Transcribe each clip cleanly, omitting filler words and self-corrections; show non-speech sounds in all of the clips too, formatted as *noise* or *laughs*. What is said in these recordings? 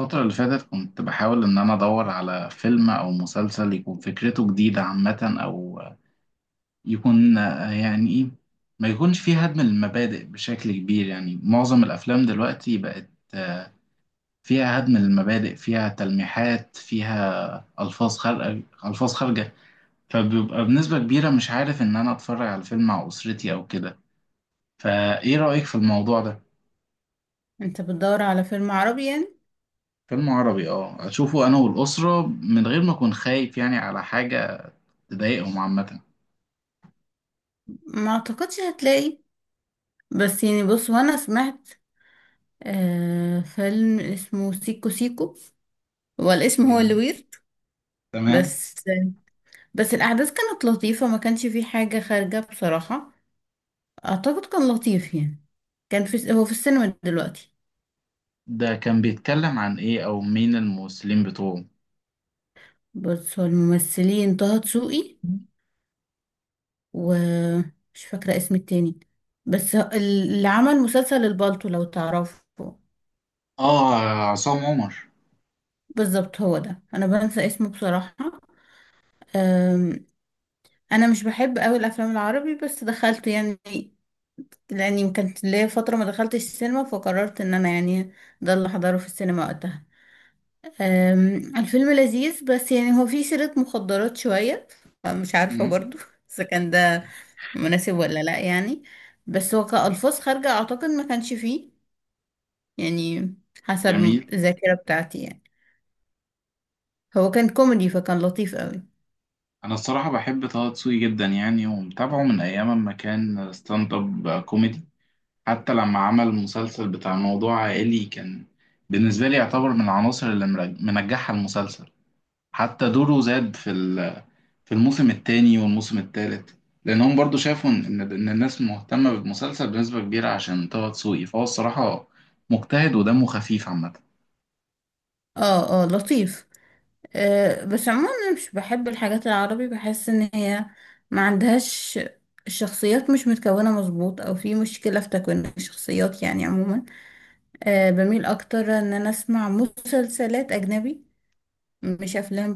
الفترة اللي فاتت كنت بحاول إن أنا أدور على فيلم أو مسلسل يكون فكرته جديدة عامة أو يكون يعني إيه، ما يكونش فيه هدم المبادئ بشكل كبير. يعني معظم الأفلام دلوقتي بقت فيها هدم المبادئ، فيها تلميحات، فيها ألفاظ خارجة، ألفاز خارجة. فبيبقى بنسبة كبيرة مش عارف إن أنا أتفرج على فيلم مع أسرتي أو كده. فإيه رأيك في الموضوع ده؟ انت بتدور على فيلم عربي يعني. فيلم عربي، اه، اشوفه انا والاسره من غير ما اكون خايف يعني على حاجه تضايقهم عامة. ما اعتقدش هتلاقي. بس يعني بص، وانا سمعت فيلم اسمه سيكو سيكو. هو الاسم هو اللي جميل. ويرد. تمام. بس بس الاحداث كانت لطيفة، ما كانش فيه حاجة خارجة بصراحة. اعتقد كان لطيف يعني. كان في، هو في السينما دلوقتي. ده كان بيتكلم عن إيه أو مين الممثلين بتوعه؟ بس هو الممثلين طه دسوقي، ومش فاكرة اسم التاني. بس اللي عمل مسلسل البالتو لو تعرفه. اه، عصام عمر. بالظبط، هو ده، انا بنسى اسمه بصراحة. أم، انا مش بحب قوي الافلام العربي، بس دخلت يعني، لاني كانت ليا فتره ما دخلتش السينما، فقررت ان انا يعني ده اللي احضره في السينما وقتها. الفيلم لذيذ، بس يعني هو فيه سيره مخدرات شويه، فمش عارفه مم. برضو *laughs* اذا كان ده مناسب ولا لا يعني. بس هو كألفاظ خارجه اعتقد ما كانش فيه يعني، حسب جميل. الذاكره بتاعتي يعني. هو كان كوميدي فكان لطيف قوي. أنا الصراحة بحب طه دسوقي جدا يعني، ومتابعه من أيام ما كان ستاند أب كوميدي. حتى لما عمل المسلسل بتاع موضوع عائلي، كان بالنسبة لي يعتبر من العناصر اللي منجحة المسلسل. حتى دوره زاد في الموسم الثاني والموسم الثالث، لانهم برضو شافوا ان الناس مهتمه بالمسلسل بنسبه كبيره عشان طه دسوقي. فهو الصراحه مجتهد ودمه خفيف عامه. اه اه، لطيف. بس عموما مش بحب الحاجات العربي، بحس ان هي ما عندهاش، الشخصيات مش متكونة مظبوط، او في مشكلة في تكوين الشخصيات يعني عموما. بميل اكتر ان انا اسمع مسلسلات اجنبي، مش افلام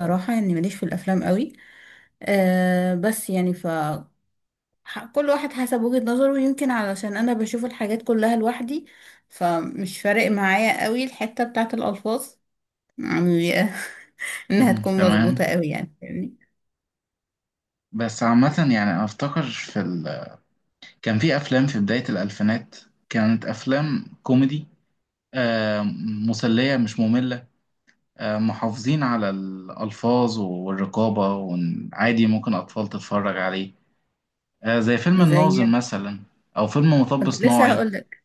بصراحة يعني، ماليش في الافلام قوي. أه، بس يعني ف ح- كل واحد حسب وجهة نظره، يمكن علشان انا بشوف الحاجات كلها لوحدي، فمش فارق معايا قوي الحتة بتاعت الالفاظ يعني *laughs* انها مهم. تكون مظبوطة تمام. قوي يعني، فاهمني؟ بس عامه يعني انا افتكر في ال... كان في افلام في بدايه الالفينات، كانت افلام كوميدي، آه، مسليه مش ممله، آه، محافظين على الالفاظ والرقابه، وعادي ممكن اطفال تتفرج عليه. آه، زي فيلم الناظر زي، مثلا، او فيلم مطب كنت لسه صناعي. هقولك.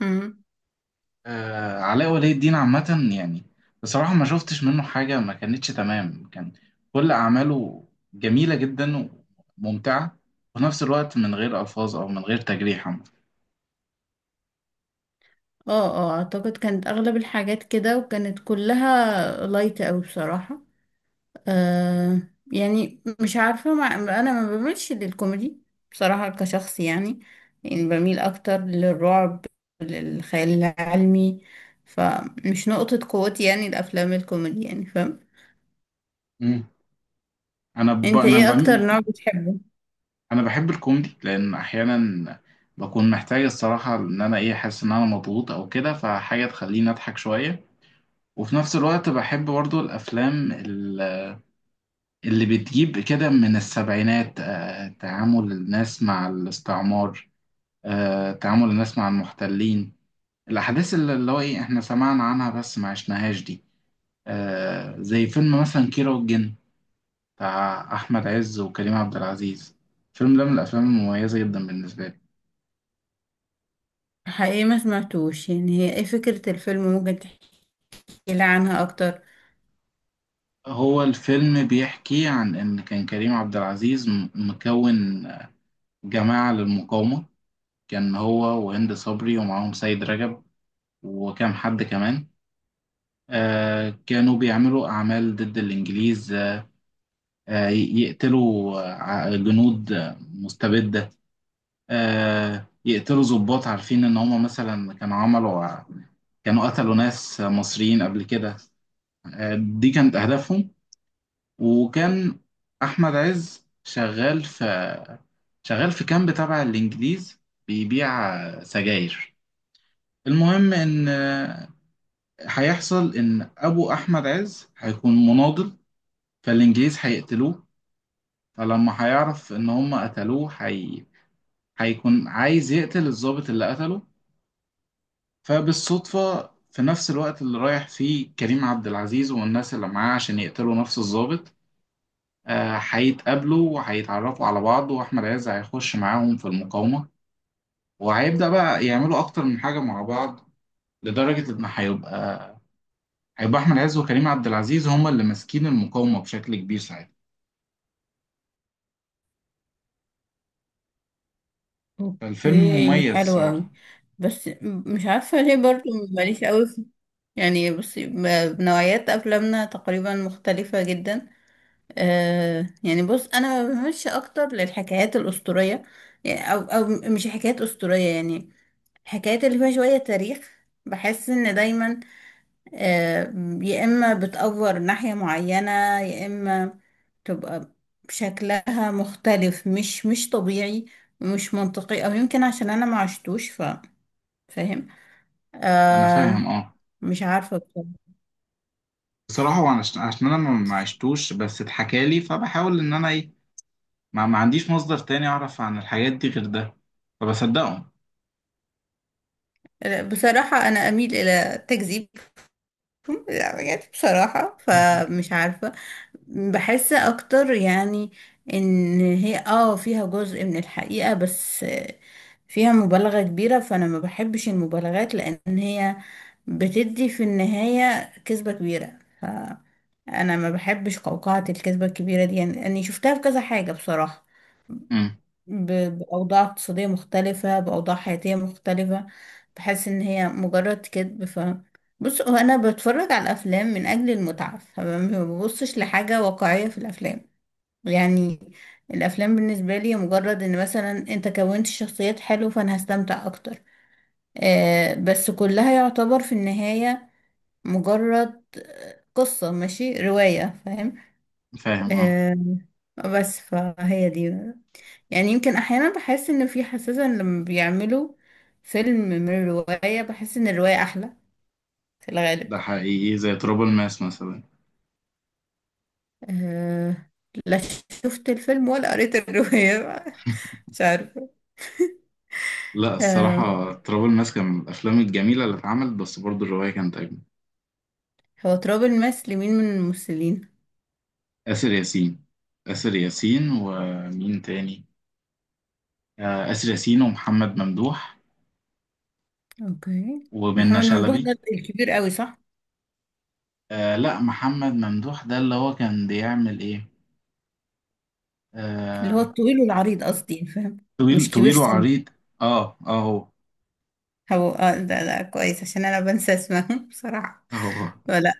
امم آه، علاء ولي الدين عامة يعني بصراحة ما شفتش منه حاجة ما كانتش تمام. كان كل أعماله جميلة جدا وممتعة، وفي نفس الوقت من غير ألفاظ أو من غير تجريح عامة. اه اه، اعتقد كانت اغلب الحاجات كده، وكانت كلها لايت اوي بصراحة. آه يعني مش عارفة، ما انا ما بميلش للكوميدي بصراحة كشخص يعني. يعني بميل اكتر للرعب، للخيال العلمي، فمش نقطة قوتي يعني الافلام الكوميدي يعني، فاهم؟ مم. انت أنا ايه اكتر بم... نوع بتحبه؟ أنا بحب الكوميدي، لأن أحيانا بكون محتاج الصراحة إن أنا إيه، أحس إن أنا مضغوط أو كده، فحاجة تخليني أضحك شوية. وفي نفس الوقت بحب برضو اللي بتجيب كده من السبعينات. تعامل الناس مع الاستعمار، تعامل الناس مع المحتلين، الأحداث اللي هو إيه إحنا سمعنا عنها بس ما عشناهاش دي. زي فيلم مثلا كيرة والجن، بتاع أحمد عز وكريم عبد العزيز. الفيلم ده من الأفلام المميزة جدا بالنسبة لي. حقيقي ما سمعتوش يعني، هي ايه فكرة الفيلم؟ ممكن تحكي لي عنها اكتر؟ هو الفيلم بيحكي عن إن كان كريم عبد العزيز مكون جماعة للمقاومة. كان هو وهند صبري ومعاهم سيد رجب وكام حد كمان. كانوا بيعملوا أعمال ضد الإنجليز، يقتلوا جنود مستبدة، يقتلوا ضباط عارفين إن هما مثلا كانوا كانوا قتلوا ناس مصريين قبل كده. دي كانت أهدافهم. وكان أحمد عز شغال في كامب تبع الإنجليز، بيبيع سجاير. المهم إن هيحصل إن أبو أحمد عز هيكون مناضل، فالإنجليز هيقتلوه. فلما هيعرف إن هم قتلوه هي، هيكون عايز يقتل الضابط اللي قتله. فبالصدفة في نفس الوقت اللي رايح فيه كريم عبد العزيز والناس اللي معاه عشان يقتلوا نفس الضابط، هيتقابلوا وهيتعرفوا على بعض، وأحمد عز هيخش معاهم في المقاومة. وهيبدأ بقى يعملوا أكتر من حاجة مع بعض، لدرجة إن هيبقى أحمد عز وكريم عبد العزيز هما اللي ماسكين المقاومة بشكل كبير ساعتها. فالفيلم اوكي، مميز حلو قوي. الصراحة. بس مش عارفة ليه، برضو ماليش قوي في يعني، بصي، نوعيات افلامنا تقريبا مختلفة جدا. آه يعني بص، انا بمشي اكتر للحكايات الاسطورية يعني، او او مش حكايات اسطورية يعني، الحكايات اللي فيها شوية تاريخ. بحس ان دايما، آه، يا إما بتأفور ناحية معينة، يا إما تبقى شكلها مختلف، مش طبيعي ومش منطقي، أو يمكن عشان أنا ما عشتوش ف... فاهم؟ أنا آه. فاهم، أه. مش عارفة بصراحة. بصراحة عشان أنا ما عشتوش بس اتحكالي، فبحاول إن أنا إيه، ما عنديش مصدر تاني أعرف عن الحاجات دي غير ده، فبصدقهم. بصراحة أنا أميل إلى تكذيب. لا بجد، بصراحة *laughs* فمش عارفة. بحس أكتر يعني إن هي اه فيها جزء من الحقيقة، بس فيها مبالغة كبيرة، فأنا ما بحبش المبالغات، لأن هي بتدي في النهاية كذبة كبيرة. أنا ما بحبش قوقعة الكذبة الكبيرة دي يعني، أني شفتها في كذا حاجة بصراحة. امم. بأوضاع اقتصادية مختلفة، بأوضاع حياتية مختلفة، بحس إن هي مجرد كذب. ف بص، هو أنا بتفرج على الأفلام من أجل المتعة، فما ببصش لحاجة واقعية في الأفلام يعني. الأفلام بالنسبة لي مجرد إن مثلا أنت كونت شخصيات حلوة، فأنا هستمتع أكتر. آه، بس كلها يعتبر في النهاية مجرد قصة، ماشي، رواية، فاهم؟ فاهم، اه. آه. بس فهي دي يعني، يمكن احيانا بحس ان في حساسة، إن لما بيعملوا فيلم من رواية، بحس ان الرواية احلى في الغالب. ده حقيقي، زي تراب الماس مثلا. أه. لا، شفت الفيلم ولا قريت الرواية *laughs* مش عارفة. لا أه. الصراحة تراب الماس كان من الأفلام الجميلة اللي اتعملت، بس برضو الرواية كانت أجمل. هو تراب الماس لمين من الممثلين؟ آسر ياسين. آسر ياسين ومين تاني؟ آسر ياسين ومحمد ممدوح اوكي، ومنة محمد ممدوح شلبي. ده الكبير قوي، صح؟ آه لا، محمد ممدوح ده اللي هو كان بيعمل إيه، اللي هو آه، الطويل والعريض، قصدي، فاهم؟ مش كبير طويل سن. وعريض. اه اه، هو اه، ده كويس، عشان انا بنسى اسمهم *laughs* بصراحة. هو ولا،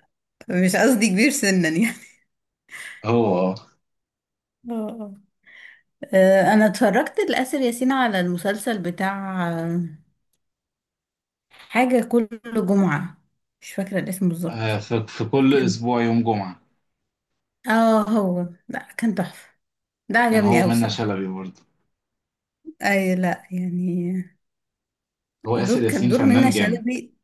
مش قصدي كبير سنا يعني. هو. اه. انا اتفرجت لآسر ياسين على المسلسل بتاع حاجة كل جمعة، مش فاكرة الاسم بالظبط. في كل كان أسبوع يوم جمعة. اه هو، لا كان تحفة، ده كان هو عجبني اوي منة بصراحة. شلبي برضه. اي، لا يعني، هو دور، آسر كان ياسين دور منة فنان جامد. شلبي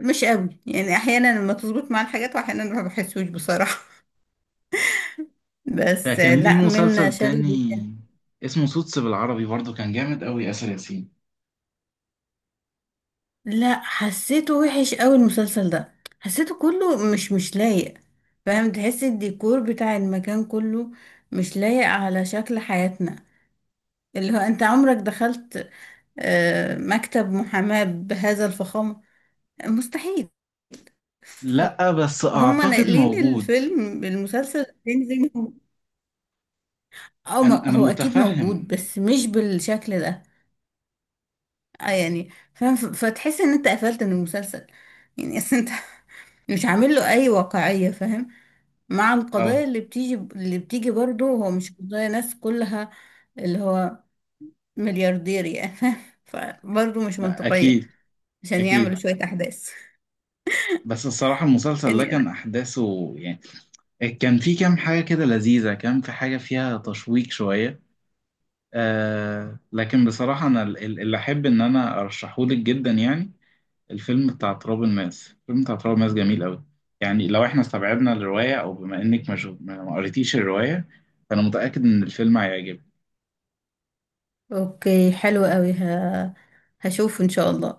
مش قوي يعني، احيانا لما تظبط مع الحاجات، واحيانا ما بحسوش بصراحة *laughs* بس فكان ليه لا منة مسلسل تاني شلبي. اسمه سوتس بالعربي، برضه كان جامد أوي آسر ياسين. لا، حسيته وحش قوي المسلسل ده، حسيته كله مش لايق. فاهم؟ تحس الديكور بتاع المكان كله مش لايق على شكل حياتنا. اللي هو انت عمرك دخلت مكتب محاماة بهذا الفخامة؟ مستحيل. لأ بس هم أعتقد ناقلين موجود. الفيلم المسلسل التاني زي ما هو. أو ما أنا هو اكيد موجود، متفهم، بس مش بالشكل ده. يعني فاهم، فتحس ان انت قفلت من المسلسل يعني، أصل انت *laughs* مش عامل له اي واقعية، فاهم؟ مع القضايا أه. اللي بتيجي، اللي بتيجي برضه، هو مش قضايا ناس كلها، اللي هو ملياردير يعني *laughs* فبرضه مش منطقية، أكيد. عشان يعملوا أكيد. شوية أحداث بس الصراحة المسلسل ده يعني. كان أحداثه يعني كان في كام حاجة كده لذيذة، كان في حاجة فيها تشويق شوية. آه لكن بصراحة أنا اللي أحب إن أنا أرشحهولك جدا يعني الفيلم بتاع تراب الماس. الفيلم بتاع تراب الماس جميل قوي. يعني لو احنا استبعدنا الرواية، او بما انك مش ما ما قريتيش الرواية، فانا متأكد ان الفيلم هيعجبك. أوكي، حلو قوي. ه... هشوف إن شاء الله.